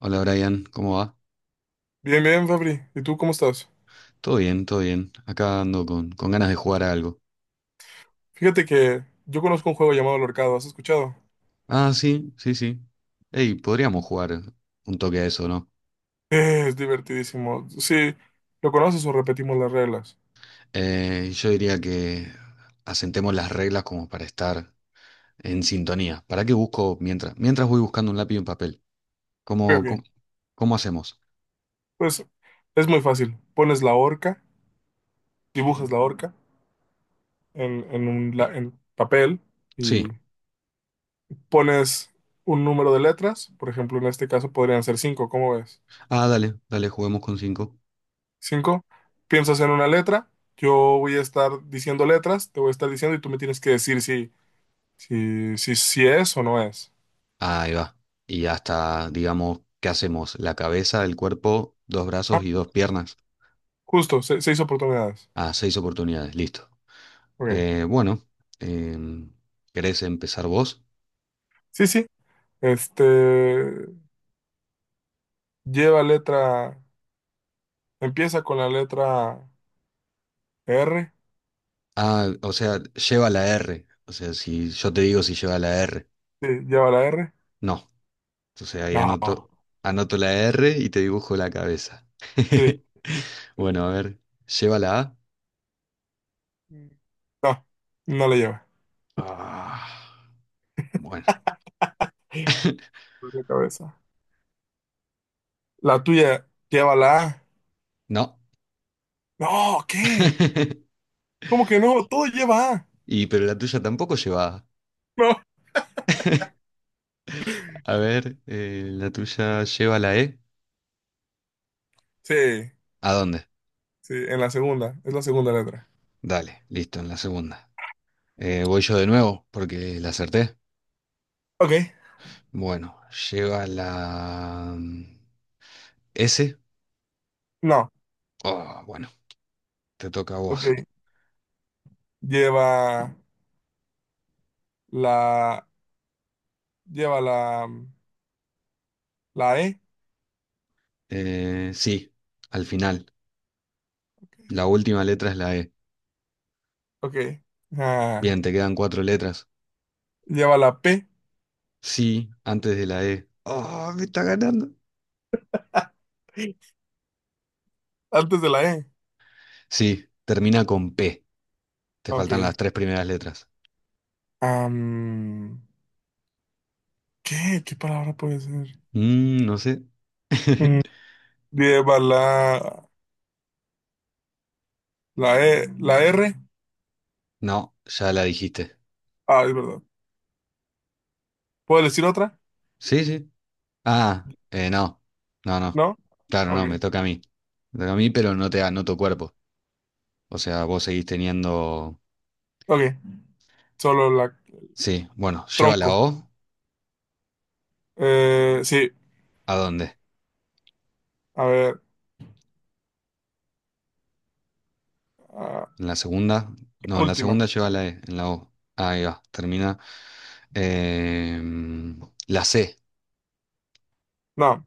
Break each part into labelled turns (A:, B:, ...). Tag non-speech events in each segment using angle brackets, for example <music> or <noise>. A: Hola Brian, ¿cómo va?
B: Bien, bien, Fabri. ¿Y tú cómo estás?
A: Todo bien, todo bien. Acá ando con ganas de jugar a algo.
B: Fíjate que yo conozco un juego llamado El Horcado, ¿has escuchado?
A: Ah, sí, sí, sí. Ey, podríamos jugar un toque a eso, ¿no?
B: Es divertidísimo. Sí, ¿lo conoces o repetimos las reglas?
A: Yo diría que asentemos las reglas como para estar en sintonía. ¿Para qué busco mientras? Mientras voy buscando un lápiz y un papel.
B: Ok,
A: ¿Cómo, cómo,
B: ok.
A: cómo hacemos?
B: Pues es muy fácil. Pones la horca, dibujas la horca en en papel
A: Sí.
B: y pones un número de letras. Por ejemplo, en este caso podrían ser 5, ¿cómo ves?
A: Ah, dale, dale, juguemos con cinco.
B: 5. Piensas en una letra, yo voy a estar diciendo letras, te voy a estar diciendo y tú me tienes que decir si es o no es.
A: Ahí va. Y hasta, digamos, ¿qué hacemos? La cabeza, el cuerpo, dos brazos
B: Ah,
A: y dos piernas.
B: Justo, 6 oportunidades.
A: Ah, seis oportunidades, listo.
B: Ok.
A: Bueno, em, ¿querés empezar vos?
B: Sí, sí. Este lleva letra, empieza con la letra R.
A: Ah, o sea, lleva la R. O sea, si yo te digo si lleva la R.
B: Sí, lleva la R.
A: No. Entonces ahí
B: No,
A: anoto la R y te dibujo la cabeza.
B: sí,
A: <laughs> Bueno, a ver, lleva la A.
B: no, no la lleva.
A: Ah, bueno,
B: Por la cabeza. La tuya lleva la A.
A: no.
B: No, ¿qué?
A: <laughs>
B: ¿Cómo que no? Todo lleva A.
A: Y pero la tuya tampoco lleva A.
B: No.
A: A ver, la tuya lleva la E.
B: Sí,
A: ¿A dónde?
B: sí, en la segunda, es la segunda letra.
A: Dale, listo, en la segunda. Voy yo de nuevo porque la acerté.
B: Ok.
A: Bueno, lleva la S.
B: No,
A: Oh, bueno, te toca a
B: ok.
A: vos.
B: Lleva la, lleva la E.
A: Sí, al final.
B: Ok.
A: La última letra es la E.
B: Ok. Ah,
A: Bien, te quedan cuatro letras.
B: lleva la P
A: Sí, antes de la E. Oh, me está ganando.
B: <laughs> antes de la E.
A: Sí, termina con P. Te
B: Ok.
A: faltan las tres primeras letras.
B: Am, ¿Qué? ¿Qué palabra puede ser?
A: No sé.
B: Mm,
A: <laughs>
B: lleva la E, la R.
A: No, ya la dijiste.
B: Ah, es verdad. ¿Puedo decir otra?
A: Sí, sí. Ah, no. No, no.
B: ¿No?
A: Claro,
B: Ok.
A: no, me toca a mí. Me toca a mí, pero no te anoto cuerpo. O sea, vos seguís teniendo.
B: Ok. Solo la
A: Sí, bueno, lleva la
B: tronco.
A: O,
B: Sí.
A: ¿a dónde?
B: A ver. ah,
A: ¿En la segunda? No, en la
B: Última.
A: segunda lleva la E, en la O. Ahí va, termina. Em, la C,
B: No.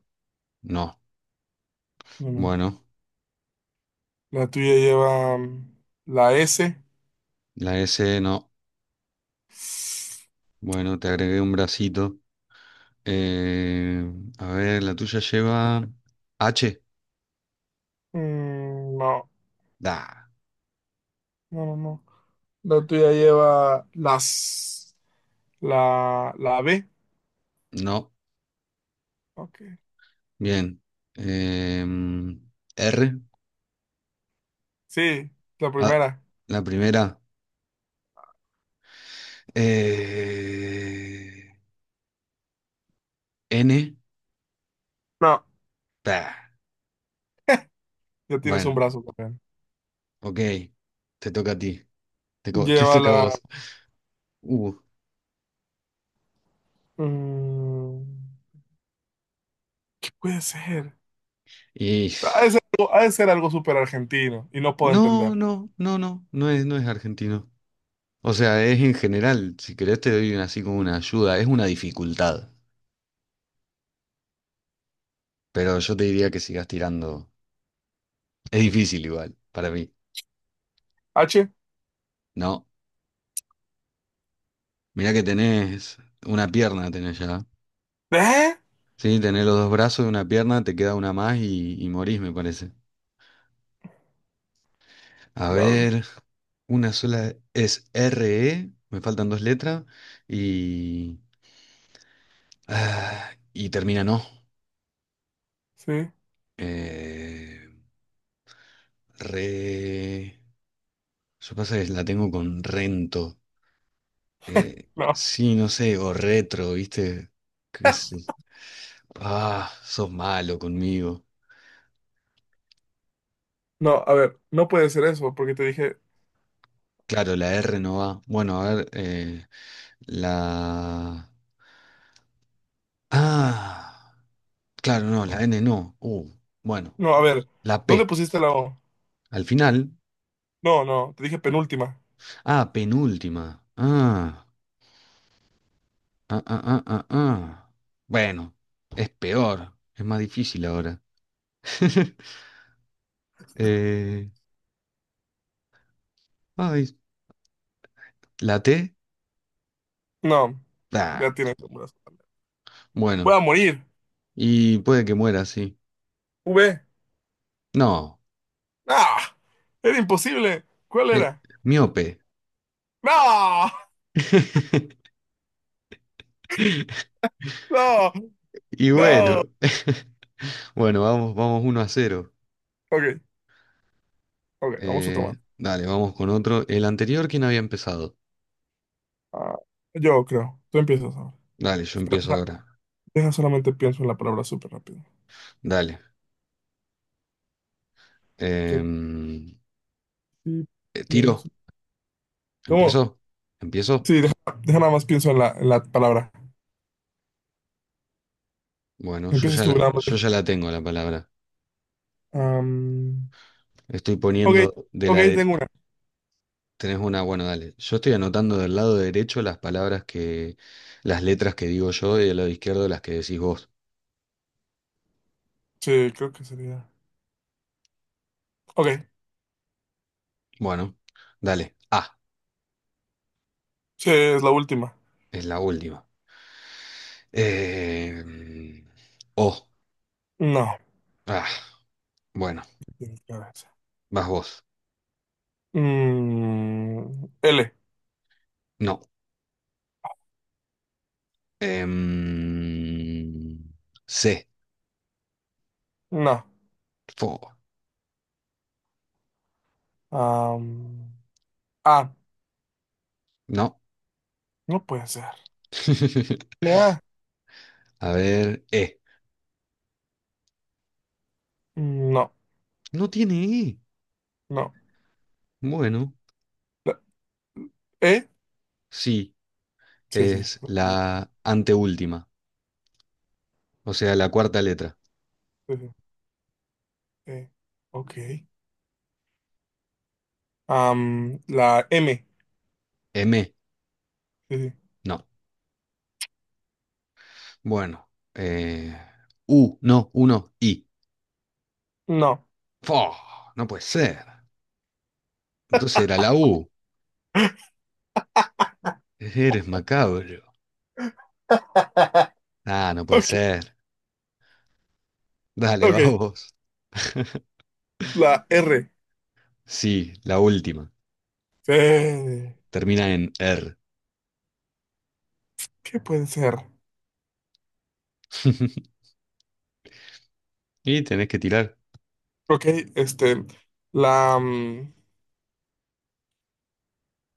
A: no.
B: No, no.
A: Bueno,
B: La tuya lleva la S.
A: la S, no. Bueno, te agregué un bracito. A ver, la tuya lleva H.
B: No.
A: Da,
B: No, no, no. La tuya lleva la B.
A: no.
B: Ok.
A: Bien. Em, R,
B: Sí, la
A: ah,
B: primera.
A: la primera. Eh, N,
B: No,
A: bah.
B: ya tienes un
A: Bueno,
B: brazo también.
A: Ok, te toca a ti. <laughs> Te
B: Lleva
A: toca a
B: la...
A: vos. Uh,
B: mm, ¿Qué puede ser?
A: y...
B: Ha de ser, ha de ser algo súper argentino y no puedo
A: No,
B: entender.
A: no, no, no, no es argentino. O sea, es en general, si querés te doy así como una ayuda, es una dificultad. Pero yo te diría que sigas tirando. Es difícil igual, para mí.
B: H.
A: No, mirá que tenés una pierna, tenés ya.
B: ¿Eh?
A: Sí, tenés los dos brazos y una pierna, te queda una más y morís, me parece. A
B: Diablo.
A: ver, una sola es R E. Me faltan dos letras. Y, ah, y termina, no.
B: Sí.
A: Eh, Re. Yo pasa que la tengo con rento.
B: No.
A: Sí, no sé, o retro, ¿viste? Qué sé-. Ah, sos malo conmigo.
B: No, a ver, no puede ser eso porque te dije...
A: Claro, la R no va. Bueno, a ver, la. Ah, claro, no, la N no. Bueno,
B: No, a ver,
A: la
B: ¿dónde
A: P.
B: pusiste la O?
A: Al final.
B: No, no, te dije penúltima.
A: Ah, penúltima. Ah. Ah, ah, ah, ah, ah. Bueno, es peor, es más difícil ahora. <laughs> Eh, Ay, ¿la T?
B: No,
A: Ah,
B: ya tienes un brazo. Voy
A: bueno,
B: a morir.
A: y puede que muera, sí.
B: V.
A: No,
B: No, era imposible. ¿Cuál
A: eh,
B: era?
A: miope.
B: No,
A: <laughs>
B: no,
A: Y
B: no.
A: bueno, <laughs> bueno, vamos, vamos 1-0.
B: Ok, ok, vamos a tomar.
A: Dale, vamos con otro. El anterior, ¿quién había empezado?
B: Ah, yo creo. Tú empiezas ahora.
A: Dale, yo empiezo
B: Deja
A: ahora.
B: deja solamente pienso en la palabra súper rápido.
A: Dale.
B: ¿Qué
A: Em,
B: sí
A: Tiro.
B: pienso? ¿Cómo?
A: ¿Empiezo? ¿Empiezo?
B: Sí, deja nada más pienso en la palabra.
A: Bueno,
B: Empiezas tú nada más.
A: yo ya la tengo la palabra.
B: Am,
A: Estoy
B: ok,
A: poniendo de
B: ok,
A: la... de-.
B: tengo una.
A: Tenés una, bueno, dale. Yo estoy anotando del lado derecho las palabras que... las letras que digo yo y del lado izquierdo las que decís vos.
B: Sí, creo que sería. Ok,
A: Bueno, dale. A,
B: sí, es la última.
A: es la última. Eh, O,
B: No.
A: ah, bueno,
B: Tienes que ver esa.
A: vas vos.
B: L.
A: No. Em, C,
B: No.
A: fo,
B: Am, A.
A: no.
B: No puede ser.
A: <laughs>
B: A.
A: A ver, E.
B: No,
A: No tiene E.
B: no.
A: Bueno,
B: La- E.
A: sí.
B: Sí, sí.
A: Es la anteúltima, o sea, la cuarta letra.
B: Sí, sí. E. Ok. La M.
A: M,
B: Sí, sí.
A: no. Bueno, eh, U, no, I.
B: No.
A: ¡Fo! No puede ser. Entonces era la U. Eres macabro.
B: <laughs>
A: Ah, no puede
B: Ok,
A: ser. Dale,
B: ok.
A: vamos. <laughs>
B: La R.
A: Sí, la última.
B: Eh,
A: Termina en R.
B: ¿Qué puede ser?
A: <laughs> Y tenés que tirar.
B: Ok, este. La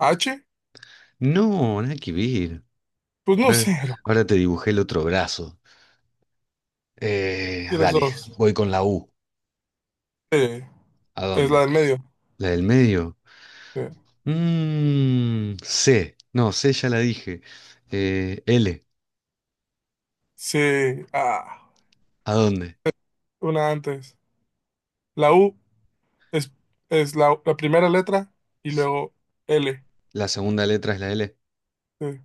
B: H.
A: No, nada que ver.
B: Pues no
A: Ahora,
B: sé.
A: ahora te dibujé el otro brazo.
B: De las
A: Dale,
B: dos.
A: voy con la U.
B: Sí.
A: ¿A
B: Es la del
A: dónde?
B: medio.
A: ¿La del medio?
B: Eh,
A: C. No, C ya la dije. L.
B: Sí. Ah,
A: ¿A dónde?
B: una antes. La U. Es, es la primera letra y
A: S-.
B: luego L.
A: La segunda letra es la L.
B: Eh,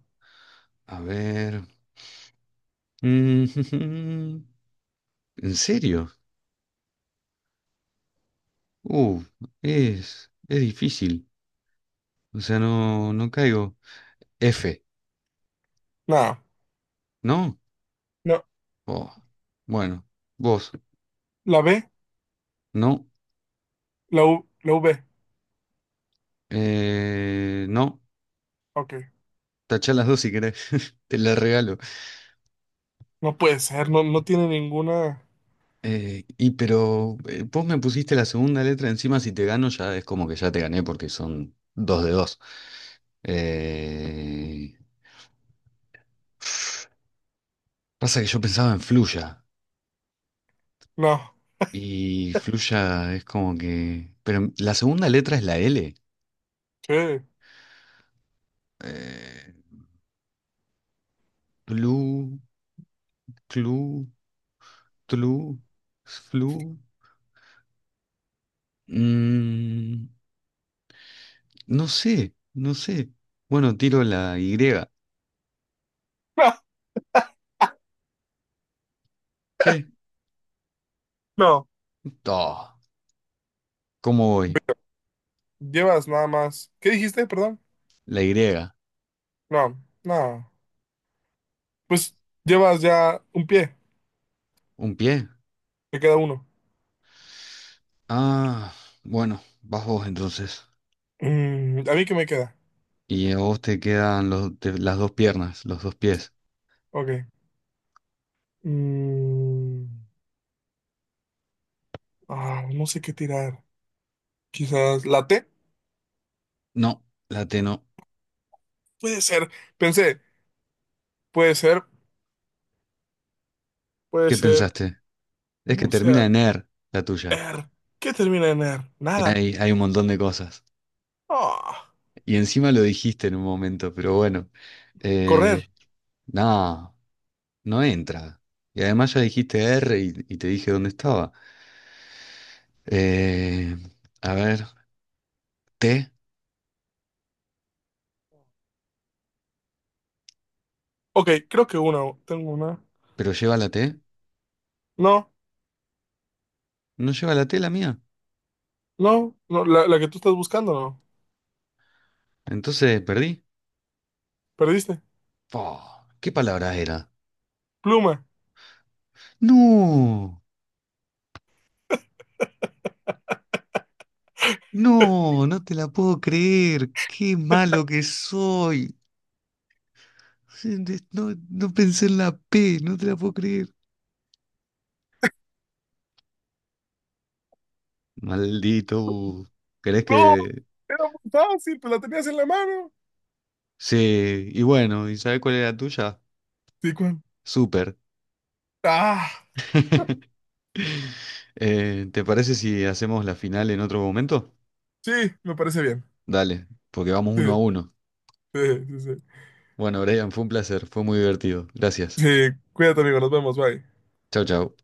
A: A ver. Mm, <laughs> ¿En serio? Uh, es difícil. O sea, no, no caigo. F.
B: no,
A: ¿No?
B: no,
A: Oh, bueno, vos.
B: la B,
A: No.
B: la U, la V.
A: No.
B: Ok,
A: Tachá las dos si querés. <laughs> Te las regalo.
B: no puede ser, no, no tiene ninguna.
A: Y pero vos me pusiste la segunda letra encima, si te gano ya es como que ya te gané porque son dos de dos. Eh, Pasa que yo pensaba en Fluya
B: No,
A: y Fluya es como que... Pero la segunda letra es la L.
B: ¿qué?
A: Eh, Tlu, clu, tlu, flu. Mm, no sé, no sé. Bueno, tiro la Y.
B: <laughs> No,
A: ¿Qué?
B: no,
A: Oh, ¿cómo voy?
B: llevas nada más. ¿Qué dijiste, perdón?
A: La Y.
B: No, no. Pues llevas ya un pie,
A: ¿Un pie?
B: te queda uno.
A: Ah, bueno, vas vos entonces.
B: ¿A mí qué me queda?
A: Y a vos te quedan las dos piernas, los dos pies.
B: Ok. Mm, no sé qué tirar. Quizás la T.
A: No, la T no.
B: Puede ser, pensé, puede ser, puede
A: ¿Qué
B: ser,
A: pensaste? Es que
B: no sé.
A: termina en er, la tuya.
B: Er. ¿Qué termina en er?
A: Y
B: Nada.
A: hay un montón de cosas.
B: Ah,
A: Y encima lo dijiste en un momento, pero bueno. Eh,
B: correr.
A: no, no entra. Y además ya dijiste R y te dije dónde estaba. Eh, a ver, T,
B: Ok, creo que una. Tengo una.
A: pero lleva la T.
B: No,
A: No lleva la T la mía.
B: no, no. La que tú estás buscando, no.
A: Entonces perdí.
B: Perdiste.
A: Fua, ¿qué palabra era?
B: Pluma.
A: No,
B: <laughs>
A: no, no te la puedo creer. Qué malo que soy. Sí, no, no pensé en la P, no te la puedo creer. Maldito. ¿Crees
B: No,
A: que...?
B: era muy fácil, pues la tenías en la mano.
A: Sí, y bueno, ¿y sabes cuál es la tuya?
B: Sí, Juan.
A: Súper.
B: Ah,
A: <laughs> ¿Te parece si hacemos la final en otro momento?
B: sí, me parece bien.
A: Dale, porque vamos
B: Sí,
A: 1-1.
B: sí, sí, sí.
A: Bueno, Brian, fue un placer, fue muy divertido. Gracias.
B: Sí, cuídate, amigo. Nos vemos. Bye.
A: Chau, chau.